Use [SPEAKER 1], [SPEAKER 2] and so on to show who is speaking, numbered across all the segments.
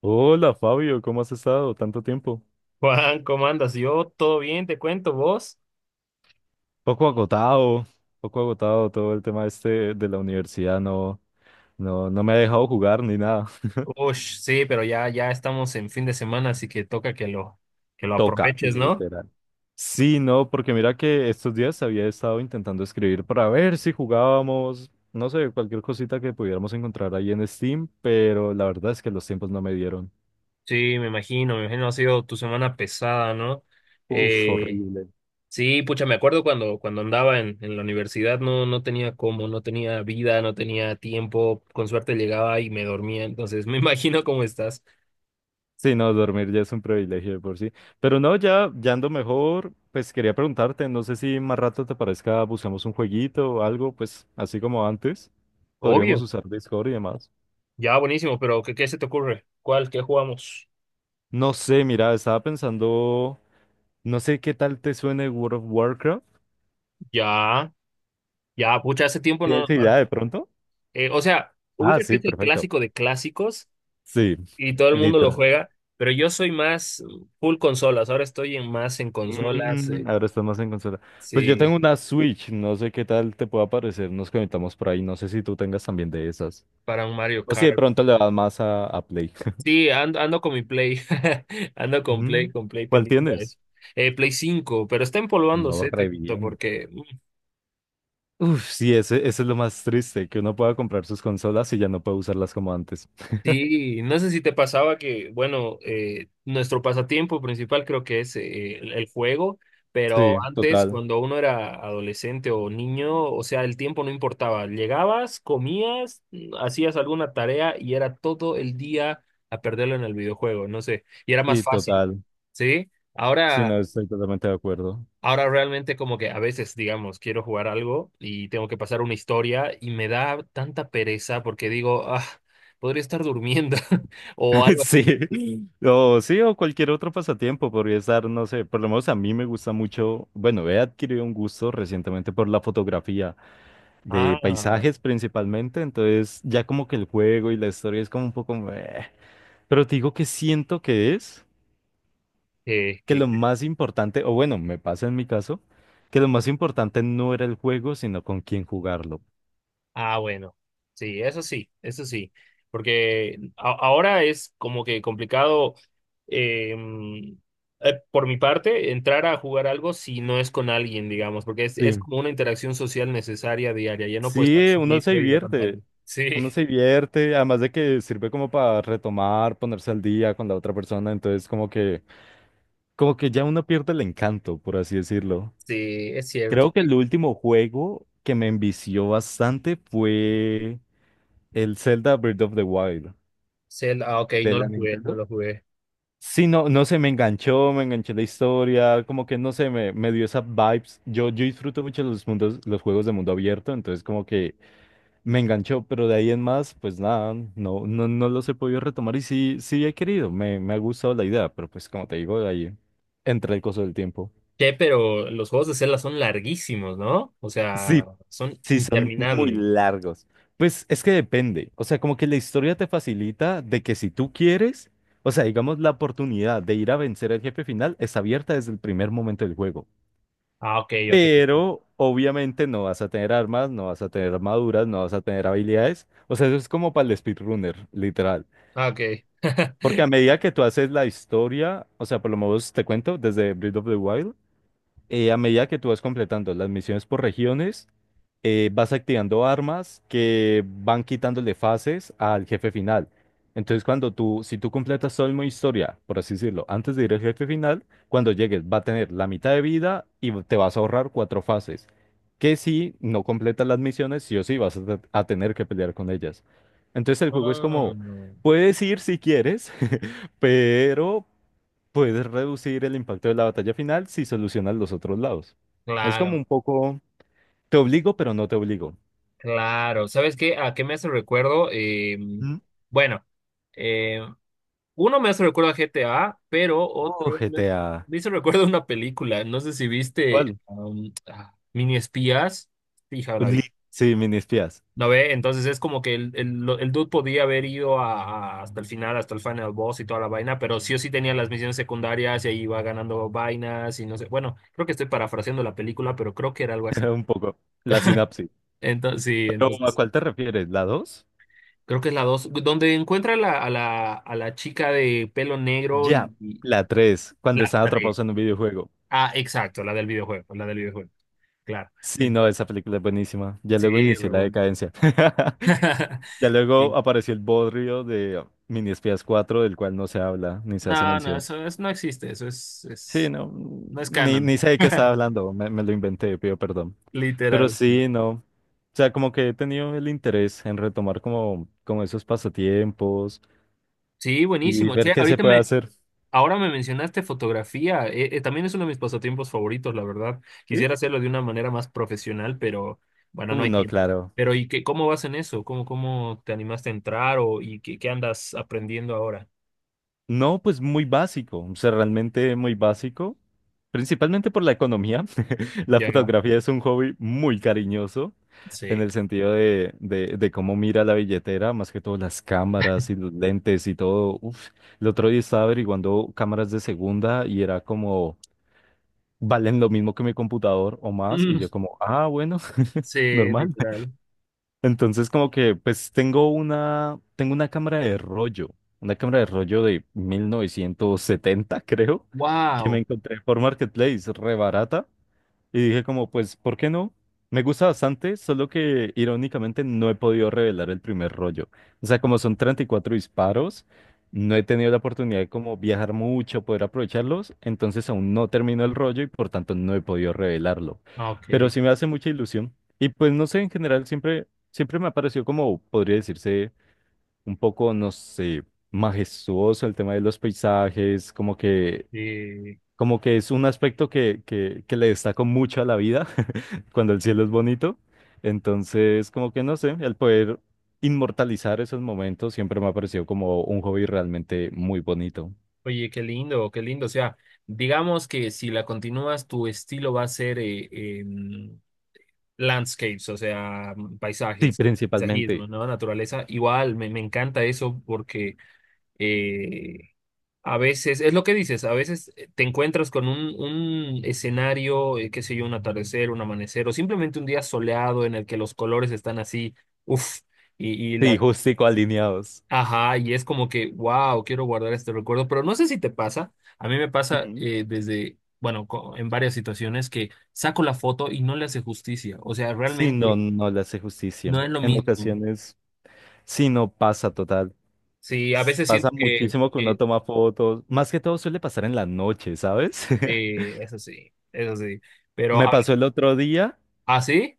[SPEAKER 1] Hola Fabio, ¿cómo has estado? Tanto tiempo.
[SPEAKER 2] Juan, ¿cómo andas? Yo todo bien, te cuento, ¿vos?
[SPEAKER 1] Poco agotado, poco agotado todo el tema este de la universidad, no, no, no me ha dejado jugar ni nada.
[SPEAKER 2] Ush, sí, pero ya estamos en fin de semana, así que toca que lo
[SPEAKER 1] Toca,
[SPEAKER 2] aproveches, ¿no?
[SPEAKER 1] literal. Sí, no, porque mira que estos días había estado intentando escribir para ver si jugábamos, no sé, cualquier cosita que pudiéramos encontrar ahí en Steam, pero la verdad es que los tiempos no me dieron.
[SPEAKER 2] Sí, me imagino ha sido tu semana pesada, ¿no?
[SPEAKER 1] Uf,
[SPEAKER 2] Eh,
[SPEAKER 1] horrible.
[SPEAKER 2] sí, pucha, me acuerdo cuando andaba en la universidad, no, no tenía cómo, no tenía vida, no tenía tiempo, con suerte llegaba y me dormía, entonces me imagino cómo estás.
[SPEAKER 1] Sí, no, dormir ya es un privilegio de por sí. Pero no, ya ando mejor. Pues quería preguntarte, no sé si más rato te parezca, buscamos un jueguito o algo, pues así como antes. Podríamos
[SPEAKER 2] Obvio,
[SPEAKER 1] usar Discord y demás.
[SPEAKER 2] ya, buenísimo, pero ¿qué se te ocurre? ¿Cuál? ¿Qué jugamos?
[SPEAKER 1] No sé, mira, estaba pensando, no sé qué tal te suene World of Warcraft.
[SPEAKER 2] Ya, ya, pucha, hace tiempo no.
[SPEAKER 1] ¿Tienes idea de pronto?
[SPEAKER 2] O sea,
[SPEAKER 1] Ah,
[SPEAKER 2] ubicas que
[SPEAKER 1] sí,
[SPEAKER 2] es el
[SPEAKER 1] perfecto.
[SPEAKER 2] clásico de clásicos
[SPEAKER 1] Sí,
[SPEAKER 2] y todo el mundo lo
[SPEAKER 1] literal.
[SPEAKER 2] juega, pero yo soy más full consolas. Ahora estoy en más en consolas,
[SPEAKER 1] Mm, ahora estamos en consola. Pues yo
[SPEAKER 2] sí,
[SPEAKER 1] tengo una Switch, no sé qué tal te pueda parecer. Nos conectamos por ahí, no sé si tú tengas también de esas.
[SPEAKER 2] para un Mario
[SPEAKER 1] O si de
[SPEAKER 2] Kart.
[SPEAKER 1] pronto le vas más a, Play.
[SPEAKER 2] Sí, ando con mi Play, ando
[SPEAKER 1] Mm,
[SPEAKER 2] con Play
[SPEAKER 1] ¿Cuál
[SPEAKER 2] pendiente a
[SPEAKER 1] tienes?
[SPEAKER 2] eso. Play 5, pero está
[SPEAKER 1] No,
[SPEAKER 2] empolvándose, te
[SPEAKER 1] re
[SPEAKER 2] cuento,
[SPEAKER 1] bien.
[SPEAKER 2] porque
[SPEAKER 1] Uf, sí, ese es lo más triste, que uno pueda comprar sus consolas y ya no puede usarlas como antes.
[SPEAKER 2] sí, no sé si te pasaba que, bueno, nuestro pasatiempo principal creo que es el juego,
[SPEAKER 1] Sí,
[SPEAKER 2] pero antes
[SPEAKER 1] total.
[SPEAKER 2] cuando uno era adolescente o niño, o sea, el tiempo no importaba. Llegabas, comías, hacías alguna tarea y era todo el día a perderlo en el videojuego, no sé, y era más
[SPEAKER 1] Sí,
[SPEAKER 2] fácil,
[SPEAKER 1] total.
[SPEAKER 2] ¿sí?
[SPEAKER 1] Sí,
[SPEAKER 2] Ahora
[SPEAKER 1] no, estoy totalmente de acuerdo.
[SPEAKER 2] Ahora realmente como que a veces, digamos, quiero jugar algo y tengo que pasar una historia y me da tanta pereza porque digo, ah, podría estar durmiendo o algo
[SPEAKER 1] Sí.
[SPEAKER 2] así.
[SPEAKER 1] O sí, o cualquier otro pasatiempo podría estar, no sé, por lo menos a mí me gusta mucho, bueno, he adquirido un gusto recientemente por la fotografía de
[SPEAKER 2] Ah,
[SPEAKER 1] paisajes principalmente, entonces ya como que el juego y la historia es como un poco meh. Pero te digo que siento que es
[SPEAKER 2] que,
[SPEAKER 1] que
[SPEAKER 2] que,
[SPEAKER 1] lo más importante, o bueno, me pasa en mi caso, que lo más importante no era el juego, sino con quién jugarlo.
[SPEAKER 2] ah, bueno, sí, eso sí, eso sí, porque ahora es como que complicado, eh, mm, por mi parte entrar a jugar algo si no es con alguien, digamos, porque es
[SPEAKER 1] Sí.
[SPEAKER 2] como una interacción social necesaria diaria, ya no puedo estar
[SPEAKER 1] Sí,
[SPEAKER 2] solito y en la pantalla.
[SPEAKER 1] uno
[SPEAKER 2] Sí.
[SPEAKER 1] se divierte, además de que sirve como para retomar, ponerse al día con la otra persona, entonces como que ya uno pierde el encanto, por así decirlo.
[SPEAKER 2] Sí, es
[SPEAKER 1] Creo
[SPEAKER 2] cierto.
[SPEAKER 1] que el último juego que me envició bastante fue el Zelda Breath of the Wild
[SPEAKER 2] Zelda, ah, ok,
[SPEAKER 1] de
[SPEAKER 2] no
[SPEAKER 1] la
[SPEAKER 2] lo jugué, no
[SPEAKER 1] Nintendo.
[SPEAKER 2] lo jugué.
[SPEAKER 1] Sí, no, no sé, me enganchó, me enganché la historia, como que no sé, me dio esas vibes. Yo disfruto mucho los mundos, los juegos de mundo abierto, entonces como que me enganchó, pero de ahí en más, pues nada, no, no, no los he podido retomar y sí, sí he querido, me ha gustado la idea, pero pues como te digo, de ahí entra el coso del tiempo.
[SPEAKER 2] Che, pero los juegos de Zelda son larguísimos, ¿no? O sea,
[SPEAKER 1] Sí,
[SPEAKER 2] son
[SPEAKER 1] sí, son muy
[SPEAKER 2] interminables.
[SPEAKER 1] largos. Pues es que depende, o sea, como que la historia te facilita de que si tú quieres, o sea, digamos, la oportunidad de ir a vencer al jefe final es abierta desde el primer momento del juego.
[SPEAKER 2] Ah, ok, ok.
[SPEAKER 1] Pero obviamente no vas a tener armas, no vas a tener armaduras, no vas a tener habilidades. O sea, eso es como para el speedrunner, literal.
[SPEAKER 2] Ah, ok.
[SPEAKER 1] Porque a medida que tú haces la historia, o sea, por lo menos te cuento, desde Breath of the Wild, a medida que tú vas completando las misiones por regiones, vas activando armas que van quitándole fases al jefe final. Entonces, si tú completas todo el modo historia, por así decirlo, antes de ir al jefe final, cuando llegues va a tener la mitad de vida y te vas a ahorrar cuatro fases. Que si no completas las misiones, sí o sí vas a tener que pelear con ellas. Entonces, el juego es
[SPEAKER 2] Ah,
[SPEAKER 1] como,
[SPEAKER 2] no.
[SPEAKER 1] puedes ir si quieres, pero puedes reducir el impacto de la batalla final si solucionas los otros lados. Es como
[SPEAKER 2] Claro,
[SPEAKER 1] un poco, te obligo, pero no te obligo.
[SPEAKER 2] claro. ¿Sabes qué? ¿A qué me hace recuerdo?
[SPEAKER 1] ¿Mm?
[SPEAKER 2] Bueno, eh, uno me hace recuerdo a GTA, pero
[SPEAKER 1] Oh, GTA.
[SPEAKER 2] me hizo recuerdo a una película. No sé si viste
[SPEAKER 1] ¿Cuál?
[SPEAKER 2] Mini Espías. Fija, la
[SPEAKER 1] Sí, mini espías.
[SPEAKER 2] ¿No ve? Entonces es como que el dude podía haber ido a, hasta el final boss y toda la vaina, pero sí o sí tenía las misiones secundarias y ahí iba ganando vainas y no sé. Bueno, creo que estoy parafraseando la película, pero creo que era algo así.
[SPEAKER 1] Un poco. La sinapsis.
[SPEAKER 2] Entonces, sí,
[SPEAKER 1] Pero ¿a
[SPEAKER 2] entonces,
[SPEAKER 1] cuál te refieres? ¿La dos?
[SPEAKER 2] creo que es la dos, donde encuentra a la chica de pelo negro
[SPEAKER 1] Ya.
[SPEAKER 2] y
[SPEAKER 1] La 3 cuando
[SPEAKER 2] la
[SPEAKER 1] están
[SPEAKER 2] tres.
[SPEAKER 1] atrapados en un videojuego.
[SPEAKER 2] Ah, exacto, la del videojuego, claro.
[SPEAKER 1] Sí, no,
[SPEAKER 2] Entonces,
[SPEAKER 1] esa película es buenísima. Ya luego
[SPEAKER 2] sí,
[SPEAKER 1] inició
[SPEAKER 2] re
[SPEAKER 1] la
[SPEAKER 2] bueno.
[SPEAKER 1] decadencia. Ya luego
[SPEAKER 2] Sí.
[SPEAKER 1] apareció el bodrio de mini espías 4, del cual no se habla ni se hace
[SPEAKER 2] No, no,
[SPEAKER 1] mención.
[SPEAKER 2] eso no existe,
[SPEAKER 1] Sí, no,
[SPEAKER 2] no es
[SPEAKER 1] ni,
[SPEAKER 2] canon.
[SPEAKER 1] ni sé de qué estaba hablando, me lo inventé, pido perdón. Pero
[SPEAKER 2] Literal.
[SPEAKER 1] sí, no, o sea, como que he tenido el interés en retomar como, esos pasatiempos
[SPEAKER 2] Sí,
[SPEAKER 1] y
[SPEAKER 2] buenísimo.
[SPEAKER 1] ver
[SPEAKER 2] Che,
[SPEAKER 1] qué se puede hacer.
[SPEAKER 2] ahora me mencionaste fotografía. También es uno de mis pasatiempos favoritos, la verdad.
[SPEAKER 1] ¿Sí?
[SPEAKER 2] Quisiera hacerlo de una manera más profesional, pero bueno, no
[SPEAKER 1] Uh,
[SPEAKER 2] hay
[SPEAKER 1] no,
[SPEAKER 2] tiempo.
[SPEAKER 1] claro.
[SPEAKER 2] Pero ¿y qué, cómo vas en eso? ¿Cómo te animaste a entrar o y qué, qué andas aprendiendo ahora?
[SPEAKER 1] No, pues muy básico, o sea, realmente muy básico, principalmente por la economía. La
[SPEAKER 2] Ya,
[SPEAKER 1] fotografía es un hobby muy cariñoso en
[SPEAKER 2] sí.
[SPEAKER 1] el sentido de cómo mira la billetera, más que todo las cámaras y los lentes y todo. Uf, el otro día estaba averiguando cámaras de segunda y era como, valen lo mismo que mi computador o más, y
[SPEAKER 2] Mm,
[SPEAKER 1] yo como, ah, bueno,
[SPEAKER 2] sí,
[SPEAKER 1] normal.
[SPEAKER 2] literal.
[SPEAKER 1] Entonces, como que, pues tengo una cámara de rollo, una cámara de rollo de 1970, creo, que me
[SPEAKER 2] Wow.
[SPEAKER 1] encontré por Marketplace, re barata. Y dije como, pues, ¿por qué no? Me gusta bastante, solo que irónicamente no he podido revelar el primer rollo. O sea, como son 34 disparos, no he tenido la oportunidad de como viajar mucho, poder aprovecharlos, entonces aún no termino el rollo y por tanto no he podido revelarlo.
[SPEAKER 2] Ok.
[SPEAKER 1] Pero sí me hace mucha ilusión. Y pues no sé, en general siempre, siempre me ha parecido como, podría decirse, un poco, no sé, majestuoso el tema de los paisajes, como que,
[SPEAKER 2] Sí.
[SPEAKER 1] como que es un aspecto que le destaco mucho a la vida cuando el cielo es bonito. Entonces, como que no sé, el poder inmortalizar esos momentos siempre me ha parecido como un hobby realmente muy bonito.
[SPEAKER 2] Oye, qué lindo, qué lindo. O sea, digamos que si la continúas, tu estilo va a ser landscapes, o sea,
[SPEAKER 1] Sí,
[SPEAKER 2] paisajes, paisajismo,
[SPEAKER 1] principalmente.
[SPEAKER 2] ¿no? Naturaleza. Igual, me encanta eso porque eh, a veces, es lo que dices, a veces te encuentras con un escenario, qué sé yo, un atardecer, un amanecer, o simplemente un día soleado en el que los colores están así, uff, y
[SPEAKER 1] Sí,
[SPEAKER 2] la...
[SPEAKER 1] justico alineados.
[SPEAKER 2] Ajá, y es como que, wow, quiero guardar este recuerdo, pero no sé si te pasa, a mí me pasa
[SPEAKER 1] Ujú.
[SPEAKER 2] desde, bueno, en varias situaciones que saco la foto y no le hace justicia, o sea,
[SPEAKER 1] Sí, no,
[SPEAKER 2] realmente
[SPEAKER 1] no le hace justicia.
[SPEAKER 2] no es lo
[SPEAKER 1] En
[SPEAKER 2] mismo.
[SPEAKER 1] ocasiones, sí, no pasa total.
[SPEAKER 2] Sí, a veces
[SPEAKER 1] Pasa
[SPEAKER 2] siento
[SPEAKER 1] muchísimo que uno toma fotos. Más que todo suele pasar en la noche, ¿sabes?
[SPEAKER 2] eso sí, eso sí. Pero
[SPEAKER 1] Me pasó el otro día
[SPEAKER 2] ¿ah, sí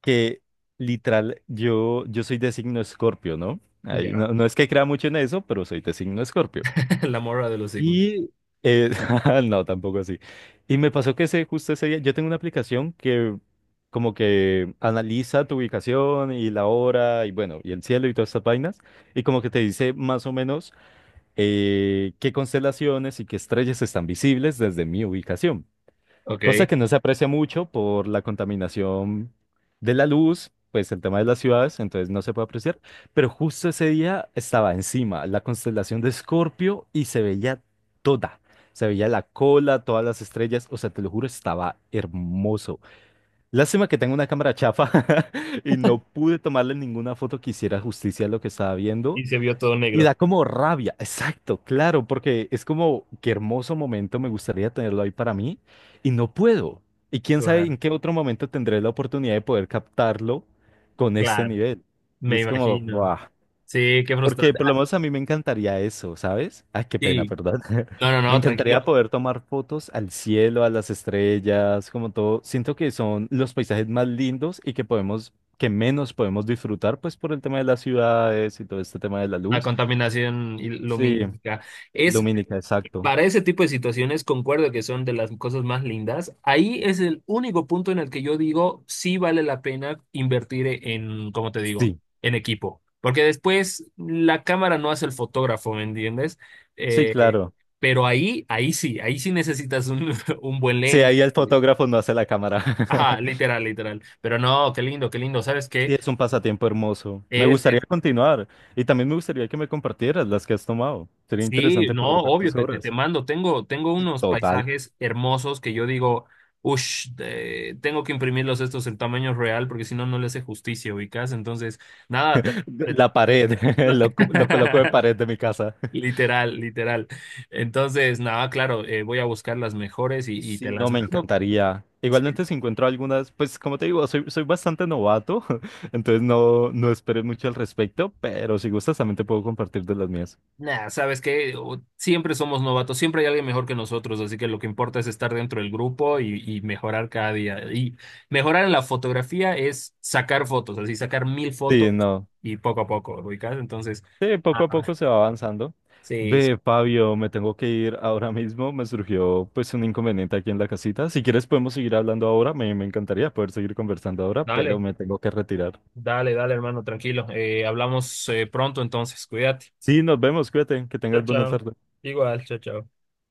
[SPEAKER 1] que literal, yo soy de signo Escorpio, ¿no? Ay, no,
[SPEAKER 2] ya,
[SPEAKER 1] no es que crea mucho en eso, pero soy de signo Escorpio.
[SPEAKER 2] la morra de los Sigmund.
[SPEAKER 1] Y eh, no, tampoco así. Y me pasó que ese, justo ese día, yo tengo una aplicación que como que analiza tu ubicación y la hora y bueno, y el cielo y todas estas vainas, y como que te dice más o menos qué constelaciones y qué estrellas están visibles desde mi ubicación. Cosa
[SPEAKER 2] Ok.
[SPEAKER 1] que no se aprecia mucho por la contaminación de la luz, pues el tema de las ciudades, entonces no se puede apreciar. Pero justo ese día estaba encima la constelación de Escorpio y se veía toda. Se veía la cola, todas las estrellas, o sea, te lo juro, estaba hermoso. Lástima que tengo una cámara chafa y no pude tomarle ninguna foto que hiciera justicia a lo que estaba viendo,
[SPEAKER 2] Y se vio todo
[SPEAKER 1] y
[SPEAKER 2] negro.
[SPEAKER 1] da como rabia, exacto, claro, porque es como, qué hermoso momento, me gustaría tenerlo ahí para mí, y no puedo. Y quién sabe en
[SPEAKER 2] Claro,
[SPEAKER 1] qué otro momento tendré la oportunidad de poder captarlo con este
[SPEAKER 2] claro,
[SPEAKER 1] nivel. Y
[SPEAKER 2] me
[SPEAKER 1] es como,
[SPEAKER 2] imagino.
[SPEAKER 1] ¡buah!
[SPEAKER 2] Sí, qué
[SPEAKER 1] Porque
[SPEAKER 2] frustrante.
[SPEAKER 1] por
[SPEAKER 2] Ah,
[SPEAKER 1] lo menos a mí me encantaría eso, ¿sabes? Ay, qué pena,
[SPEAKER 2] sí.
[SPEAKER 1] perdón.
[SPEAKER 2] No, no,
[SPEAKER 1] Me
[SPEAKER 2] no,
[SPEAKER 1] encantaría
[SPEAKER 2] tranquilo.
[SPEAKER 1] poder tomar fotos al cielo, a las estrellas, como todo. Siento que son los paisajes más lindos y que menos podemos disfrutar, pues por el tema de las ciudades y todo este tema de la
[SPEAKER 2] La
[SPEAKER 1] luz.
[SPEAKER 2] contaminación
[SPEAKER 1] Sí,
[SPEAKER 2] lumínica. Es,
[SPEAKER 1] lumínica, exacto.
[SPEAKER 2] para ese tipo de situaciones, concuerdo que son de las cosas más lindas. Ahí es el único punto en el que yo digo, sí vale la pena invertir en, como te digo,
[SPEAKER 1] Sí,
[SPEAKER 2] en equipo. Porque después la cámara no hace el fotógrafo, ¿me entiendes?
[SPEAKER 1] sí,
[SPEAKER 2] Eh,
[SPEAKER 1] claro.
[SPEAKER 2] pero ahí, ahí sí necesitas un, un buen
[SPEAKER 1] Sí,
[SPEAKER 2] lente.
[SPEAKER 1] ahí el fotógrafo no hace la cámara.
[SPEAKER 2] Ajá, literal, literal. Pero no, qué lindo, qué lindo. ¿Sabes qué?
[SPEAKER 1] Sí, es un pasatiempo hermoso. Me gustaría
[SPEAKER 2] Es
[SPEAKER 1] continuar y también me gustaría que me compartieras las que has tomado. Sería
[SPEAKER 2] sí,
[SPEAKER 1] interesante
[SPEAKER 2] no,
[SPEAKER 1] poder ver
[SPEAKER 2] obvio,
[SPEAKER 1] tus
[SPEAKER 2] te
[SPEAKER 1] obras.
[SPEAKER 2] mando. Tengo unos
[SPEAKER 1] Total.
[SPEAKER 2] paisajes hermosos que yo digo, ush, tengo que imprimirlos estos en tamaño real porque si no, no le hace justicia, ubicas. Entonces, nada, te- te-
[SPEAKER 1] La pared,
[SPEAKER 2] la-
[SPEAKER 1] lo coloco de pared de mi casa.
[SPEAKER 2] literal, literal. Entonces, nada, claro, voy a buscar las mejores y te
[SPEAKER 1] Sí, no,
[SPEAKER 2] las
[SPEAKER 1] me
[SPEAKER 2] mando.
[SPEAKER 1] encantaría.
[SPEAKER 2] Sí.
[SPEAKER 1] Igualmente si encuentro algunas, pues como te digo, soy bastante novato, entonces no, no esperes mucho al respecto, pero si gustas también te puedo compartir de las mías.
[SPEAKER 2] Nah, sabes que siempre somos novatos, siempre hay alguien mejor que nosotros, así que lo que importa es estar dentro del grupo y mejorar cada día. Y mejorar en la fotografía es sacar fotos, así sacar mil fotos
[SPEAKER 1] Sí, no.
[SPEAKER 2] y poco a poco, ubicás. Entonces,
[SPEAKER 1] Sí,
[SPEAKER 2] ah,
[SPEAKER 1] poco a poco se va avanzando.
[SPEAKER 2] sí, sí.
[SPEAKER 1] Ve, Fabio, me tengo que ir ahora mismo. Me surgió pues un inconveniente aquí en la casita. Si quieres podemos seguir hablando ahora. Me encantaría poder seguir conversando ahora, pero
[SPEAKER 2] Dale,
[SPEAKER 1] me tengo que retirar.
[SPEAKER 2] dale, dale, hermano, tranquilo. Hablamos pronto entonces, cuídate.
[SPEAKER 1] Sí, nos vemos. Cuídate. Que
[SPEAKER 2] Chao,
[SPEAKER 1] tengas buena
[SPEAKER 2] chao.
[SPEAKER 1] tarde.
[SPEAKER 2] Igual, chao, chao.